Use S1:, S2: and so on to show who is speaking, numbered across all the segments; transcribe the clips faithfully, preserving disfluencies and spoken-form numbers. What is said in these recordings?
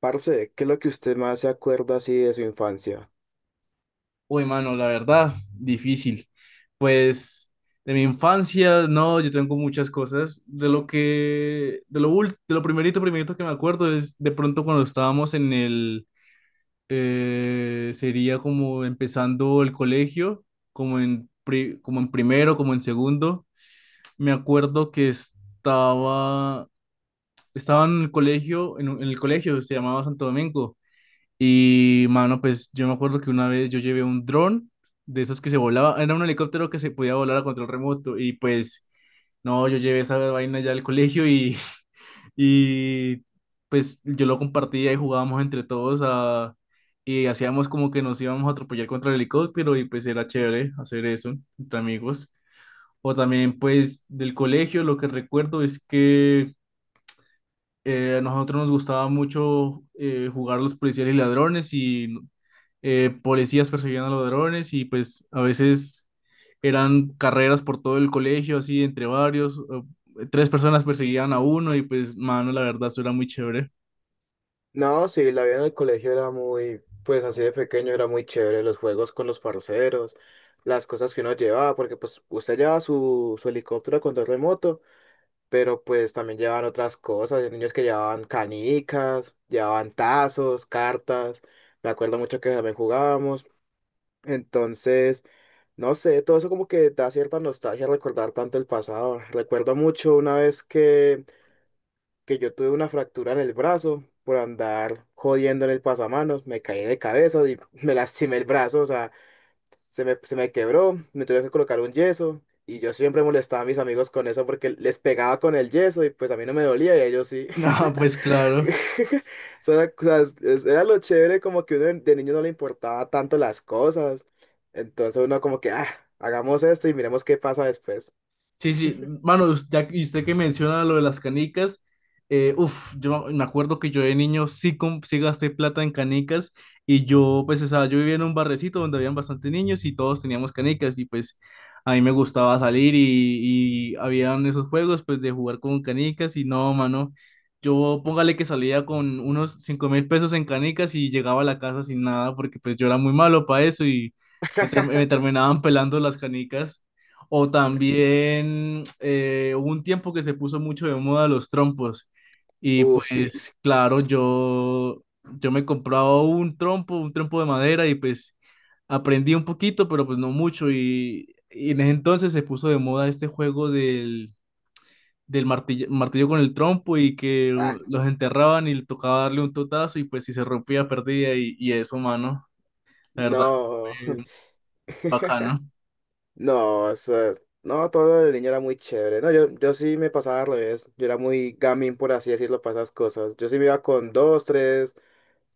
S1: Parce, ¿qué es lo que usted más se acuerda así de su infancia?
S2: Uy, mano, la verdad, difícil. Pues de mi infancia, no, yo tengo muchas cosas. De lo que, de lo ul- de lo primerito, primerito que me acuerdo es de pronto cuando estábamos en el, eh, sería como empezando el colegio, como en, pri- como en primero, como en segundo. Me acuerdo que estaba, estaba en el colegio, en, un- en el colegio, se llamaba Santo Domingo. Y, mano, pues yo me acuerdo que una vez yo llevé un dron de esos que se volaba, era un helicóptero que se podía volar a control remoto y pues, no, yo llevé esa vaina ya al colegio y, y pues yo lo compartía y jugábamos entre todos a, y hacíamos como que nos íbamos a atropellar contra el helicóptero y pues era chévere hacer eso entre amigos. O también pues del colegio lo que recuerdo es que eh, a nosotros nos gustaba mucho eh, jugar los policías y ladrones y eh, policías perseguían a los ladrones y pues a veces eran carreras por todo el colegio, así entre varios, o- tres personas perseguían a uno y pues, mano, la verdad, eso era muy chévere.
S1: No, sí, la vida en el colegio era muy, pues así de pequeño era muy chévere, los juegos con los parceros, las cosas que uno llevaba, porque pues usted llevaba su, su helicóptero con control remoto, pero pues también llevaban otras cosas, hay niños que llevaban canicas, llevaban tazos, cartas, me acuerdo mucho que también jugábamos, entonces, no sé, todo eso como que da cierta nostalgia recordar tanto el pasado, recuerdo mucho una vez que que yo tuve una fractura en el brazo por andar jodiendo en el pasamanos, me caí de cabeza y me lastimé el brazo, o sea, se me, se me quebró, me tuve que colocar un yeso y yo siempre molestaba a mis amigos con eso porque les pegaba con el yeso y pues a mí no me dolía y a ellos sí.
S2: Ah, pues claro.
S1: Era, o sea, cosas- es- era lo chévere como que uno de de niño no le importaba tanto las cosas, entonces uno como que, ah, hagamos esto y miremos qué pasa después.
S2: Sí, sí, mano, us- ya, que- y usted que menciona lo de las canicas, eh, uf, yo me acuerdo que yo de niño sí, com- sí gasté plata en canicas y yo, pues, o sea, yo vivía en un barrecito donde habían bastantes niños y todos teníamos canicas y pues a mí me gustaba salir y, y habían esos juegos, pues, de jugar con canicas y no, mano, yo póngale que salía con unos cinco mil pesos en canicas y llegaba a la casa sin nada porque pues yo era muy malo para eso y me, ter- me terminaban pelando las canicas. O también eh, hubo un tiempo que se puso mucho de moda los trompos. Y
S1: Uh, sí.
S2: pues claro, yo, yo me compraba un trompo, un trompo de madera y pues aprendí un poquito, pero pues no mucho. Y, y en ese entonces se puso de moda este juego del, del martillo, martillo con el trompo y que
S1: Ah,
S2: u- los enterraban y le tocaba darle un totazo y pues si se rompía perdía y, y eso, mano. La verdad,
S1: no.
S2: fue bacano.
S1: No, o sea, no, todo lo de niño era muy chévere. No, yo, yo sí me pasaba al revés. Yo era muy gamín, por así decirlo, para esas cosas. Yo sí me iba con dos, tres,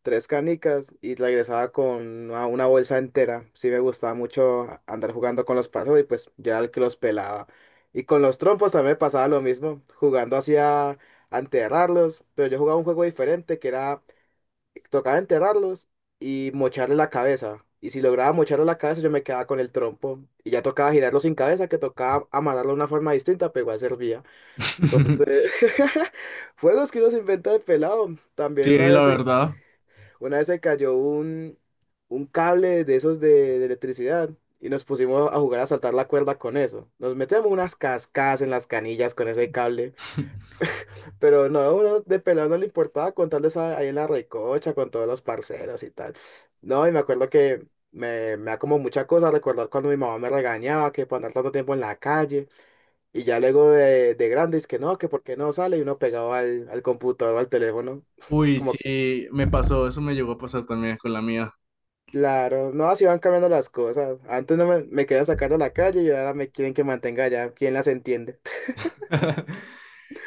S1: tres canicas y regresaba con una, una bolsa entera. Sí me gustaba mucho andar jugando con los pasos y pues yo era el que los pelaba. Y con los trompos también me pasaba lo mismo, jugando así a, a enterrarlos. Pero yo jugaba un juego diferente que era tocaba enterrarlos y mocharle la cabeza. Y si lograba mocharle la cabeza, yo me quedaba con el trompo. Y ya tocaba girarlo sin cabeza, que tocaba amarrarlo de una forma distinta, pero igual servía. Entonces, juegos que uno se inventa de pelado. También
S2: Sí,
S1: una
S2: la
S1: vez se,
S2: verdad.
S1: Una vez se cayó un, un cable de esos de, de electricidad. Y nos pusimos a jugar a saltar la cuerda con eso. Nos metemos unas cascadas en las canillas con ese cable. Pero no, uno de pelado no le importaba contarles ahí en la recocha con todos los parceros y tal. No, y me acuerdo que me, me da como mucha cosa recordar cuando mi mamá me regañaba que por andar tanto tiempo en la calle y ya luego de, de grande es que no, que por qué no sale y uno pegado al, al computador o al teléfono.
S2: Uy,
S1: Como,
S2: sí, me pasó, eso me llegó a pasar también con la mía.
S1: claro, no, así van cambiando las cosas. Antes no me, me querían sacar de la calle y ahora me quieren que mantenga allá. ¿Quién las entiende?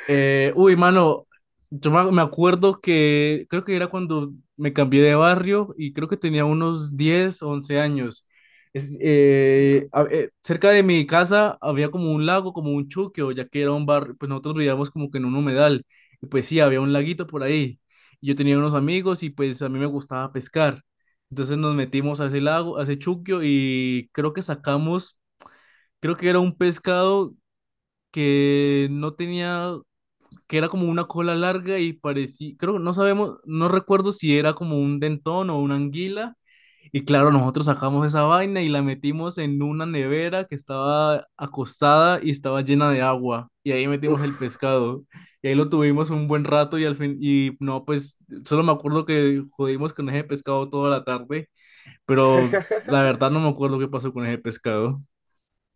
S2: Eh, uy, mano, yo me me acuerdo que creo que era cuando me cambié de barrio y creo que tenía unos diez once años. Es- eh, a- eh, cerca de mi casa había como un lago, como un chuquio, ya que era un barrio, pues nosotros vivíamos como que en un humedal. Y pues sí, había un laguito por ahí. Y yo tenía unos amigos y pues a mí me gustaba pescar. Entonces nos metimos a ese lago, a ese chuquio y creo que sacamos. Creo que era un pescado que no tenía, que era como una cola larga y parecía, creo que no sabemos, no recuerdo si era como un dentón o una anguila. Y claro, nosotros sacamos esa vaina y la metimos en una nevera que estaba acostada y estaba llena de agua. Y ahí metimos el
S1: Uf.
S2: pescado. Y ahí lo tuvimos un buen rato y al fin, y no, pues solo me acuerdo que jodimos con ese pescado toda la tarde, pero la verdad no me acuerdo qué pasó con ese pescado.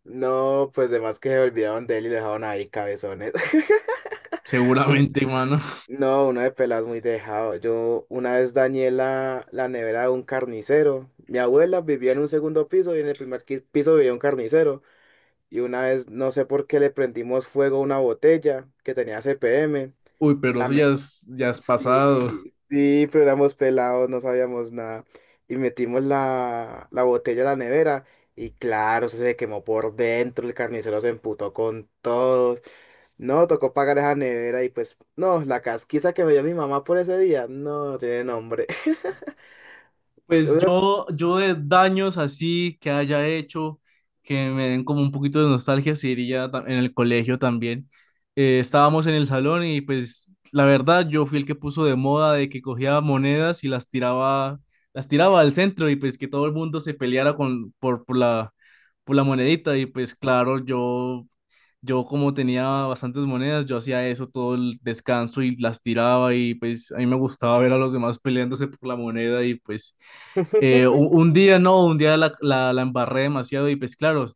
S1: No, pues de más que se olvidaron de él y lo dejaron ahí cabezones. Un-
S2: Seguramente, mano.
S1: No, una de peladas muy dejado. Yo una vez dañé la, la nevera de un carnicero. Mi abuela vivía en un segundo piso y en el primer qui- piso vivía un carnicero. Y una vez, no sé por qué, le prendimos fuego a una botella que tenía C P M
S2: Uy,
S1: y
S2: pero
S1: la,
S2: eso ya
S1: me-
S2: es, ya es
S1: Sí,
S2: pasado.
S1: sí, pero éramos pelados, no sabíamos nada. Y metimos la, la botella a la nevera y claro, eso se quemó por dentro, el carnicero se emputó con todos. No, tocó pagar esa nevera y pues, no, la casquiza que me dio mi mamá por ese día, no, no tiene nombre.
S2: Pues
S1: Una-
S2: yo, yo de daños así que haya hecho, que me den como un poquito de nostalgia, sí iría ta- en el colegio también. Eh, estábamos en el salón y pues la verdad yo fui el que puso de moda de que cogía monedas y las tiraba, las tiraba al centro y pues que todo el mundo se peleara con, por, por la, por la monedita y pues claro. yo Yo como tenía bastantes monedas, yo hacía eso todo el descanso y las tiraba y pues a mí me gustaba ver a los demás peleándose por la moneda y pues eh, u- un día no, un día la, la, la embarré demasiado y pues claro,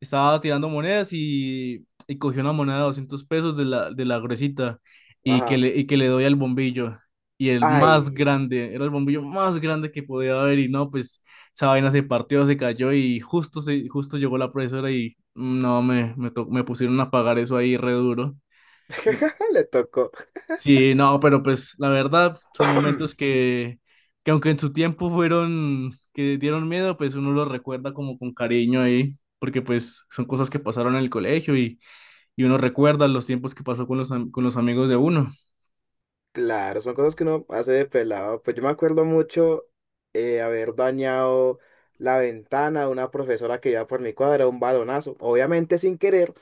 S2: estaba tirando monedas y, y cogí una moneda de doscientos pesos de la, de la gruesita y que,
S1: Ajá.
S2: le, y que le doy al bombillo. Y el más
S1: Ay,
S2: grande, era el bombillo más grande que podía haber y no, pues esa vaina se partió, se cayó y justo, se, justo llegó la profesora y no, me, me, to- me pusieron a pagar eso ahí re duro.
S1: le tocó.
S2: Sí, no, pero pues la verdad son momentos que, que aunque en su tiempo fueron, que dieron miedo, pues uno los recuerda como con cariño ahí, porque pues son cosas que pasaron en el colegio y, y uno recuerda los tiempos que pasó con los, am- con los amigos de uno.
S1: Claro, son cosas que uno hace de pelado. Pues yo me acuerdo mucho eh, haber dañado la ventana de una profesora que iba por mi cuadra, un balonazo, obviamente sin querer,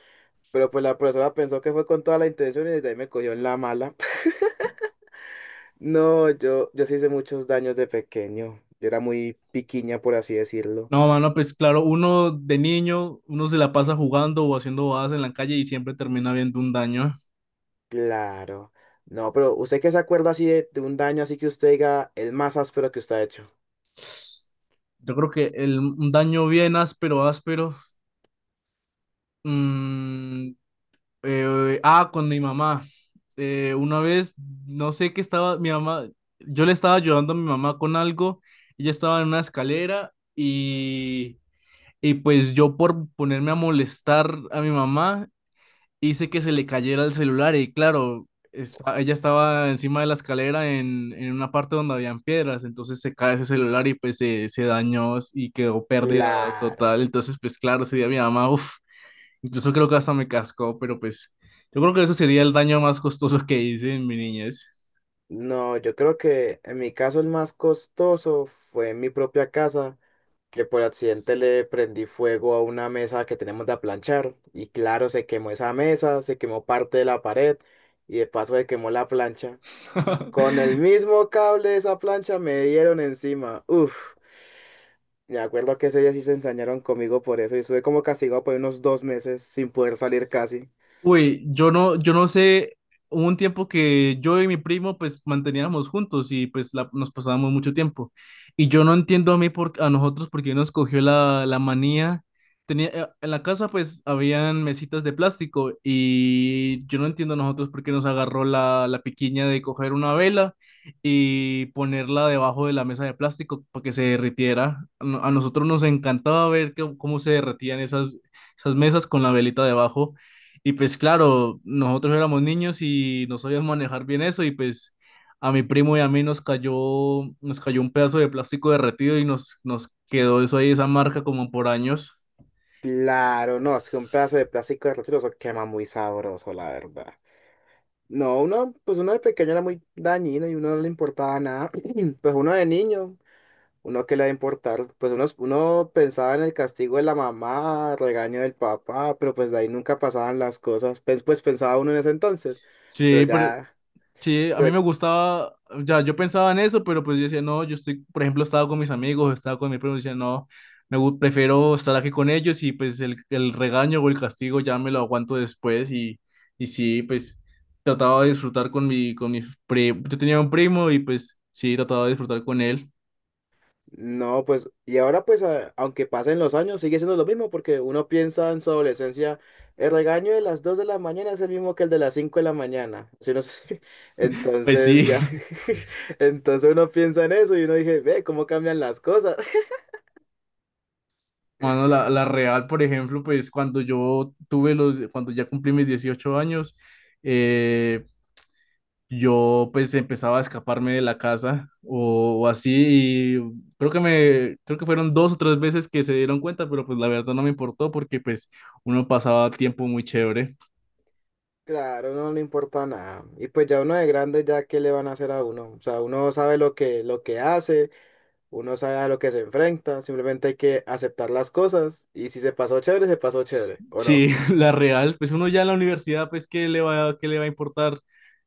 S1: pero pues la profesora pensó que fue con toda la intención y desde ahí me cogió en la mala. No, yo, yo sí hice muchos daños de pequeño. Yo era muy piquiña, por así decirlo.
S2: No, mano, pues claro, uno de niño, uno se la pasa jugando o haciendo bobadas en la calle y siempre termina viendo un daño.
S1: Claro. No, pero ¿usted qué se acuerda así de, de un daño así que usted diga el más áspero que usted ha hecho?
S2: Yo creo que el, un daño bien áspero, áspero, mm, Eh, ah, con mi mamá. Eh, una vez, no sé qué estaba, mi mamá, yo le estaba ayudando a mi mamá con algo, ella estaba en una escalera y, y pues yo por ponerme a molestar a mi mamá, hice que se le cayera el celular y claro, esta- ella estaba encima de la escalera en, en una parte donde habían piedras, entonces se cae ese celular y pues se, se dañó y quedó pérdida
S1: Claro.
S2: total, entonces pues claro, ese día mi mamá, uff. Incluso creo que hasta me cascó, pero pues yo creo que eso sería el daño más costoso que hice en mi niñez.
S1: No, yo creo que en mi caso el más costoso fue en mi propia casa, que por accidente le prendí fuego a una mesa que tenemos de aplanchar y claro, se quemó esa mesa, se quemó parte de la pared y de paso se quemó la plancha. Con el mismo cable de esa plancha me dieron encima. Uf, me acuerdo que ese día sí se ensañaron conmigo por eso y estuve como castigado por unos dos meses sin poder salir casi.
S2: Uy, yo no, yo no sé, hubo un tiempo que yo y mi primo pues manteníamos juntos y pues la- nos pasábamos mucho tiempo. Y yo no entiendo a mí por, a nosotros por qué nos cogió la, la manía. Tenía, eh, en la casa pues habían mesitas de plástico y yo no entiendo a nosotros por qué nos agarró la, la piquiña de coger una vela y ponerla debajo de la mesa de plástico para que se derritiera. A no- A nosotros nos encantaba ver que- cómo se derretían esas, esas mesas con la velita debajo. Y pues claro, nosotros éramos niños y no sabíamos manejar bien eso y pues a mi primo y a mí nos cayó, nos cayó un pedazo de plástico derretido y nos, nos quedó eso ahí, esa marca como por años.
S1: Claro, no, es que un pedazo de plástico de eso quema muy sabroso, la verdad. No, uno, pues uno de pequeño era muy dañino y uno no le importaba nada. Pues uno de niño, uno que le va a importar, pues uno, uno pensaba en el castigo de la mamá, regaño del papá, pero pues de ahí nunca pasaban las cosas. Pues, pues pensaba uno en ese entonces, pero
S2: Sí, pero
S1: ya,
S2: Sí, a mí me gustaba, ya yo pensaba en eso, pero pues yo decía, no, yo estoy, por ejemplo, estaba con mis amigos, estaba con mi primo, decía, no, me gu- prefiero estar aquí con ellos y pues el, el regaño o el castigo ya me lo aguanto después y, y sí, pues trataba de disfrutar con mi, con mi primo, yo tenía un primo y pues sí, trataba de disfrutar con él.
S1: no, pues, y ahora pues, a- aunque pasen los años, sigue siendo lo mismo, porque uno piensa en su adolescencia, el regaño de las dos de la mañana es el mismo que el de las cinco de la mañana. Si uno se-
S2: Pues
S1: entonces
S2: sí,
S1: ya, entonces uno piensa en eso y uno dice, ve, cómo cambian las cosas.
S2: bueno, la, la real, por ejemplo, pues cuando yo tuve los, cuando ya cumplí mis dieciocho años, eh, yo pues empezaba a escaparme de la casa o, o así y creo que me creo que fueron dos o tres veces que se dieron cuenta, pero pues la verdad no me importó porque pues uno pasaba tiempo muy chévere.
S1: Claro, no le importa nada. Y pues ya uno de grande, ya qué le van a hacer a uno. O sea, uno sabe lo que, lo que hace, uno sabe a lo que se enfrenta, simplemente hay que aceptar las cosas y si se pasó chévere, se pasó chévere, ¿o
S2: Sí,
S1: no?
S2: la real, pues uno ya en la universidad pues qué le va qué le va a importar.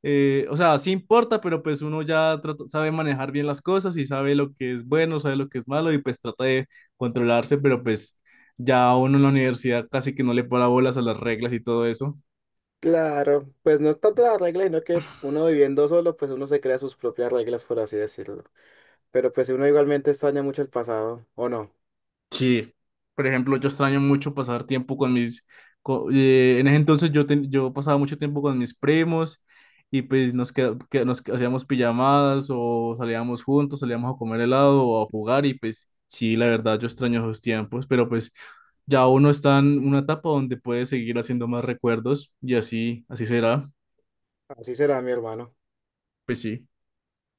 S2: Eh, o sea, sí importa, pero pues uno ya trata- sabe manejar bien las cosas y sabe lo que es bueno, sabe lo que es malo y pues trata de controlarse, pero pues ya uno en la universidad casi que no le para bolas a las reglas y todo eso.
S1: Claro, pues no es tanto la regla, sino que uno viviendo solo, pues uno se crea sus propias reglas, por así decirlo. Pero pues si uno igualmente extraña mucho el pasado, ¿o no?
S2: Sí, por ejemplo, yo extraño mucho pasar tiempo con mis, co- eh, en ese entonces yo, ten- yo pasaba mucho tiempo con mis primos y pues nos, queda- que- nos hacíamos pijamadas o salíamos juntos, salíamos a comer helado o a jugar y pues sí, la verdad yo extraño esos tiempos, pero pues ya uno está en una etapa donde puede seguir haciendo más recuerdos y así, así será,
S1: Así será, mi hermano.
S2: pues sí.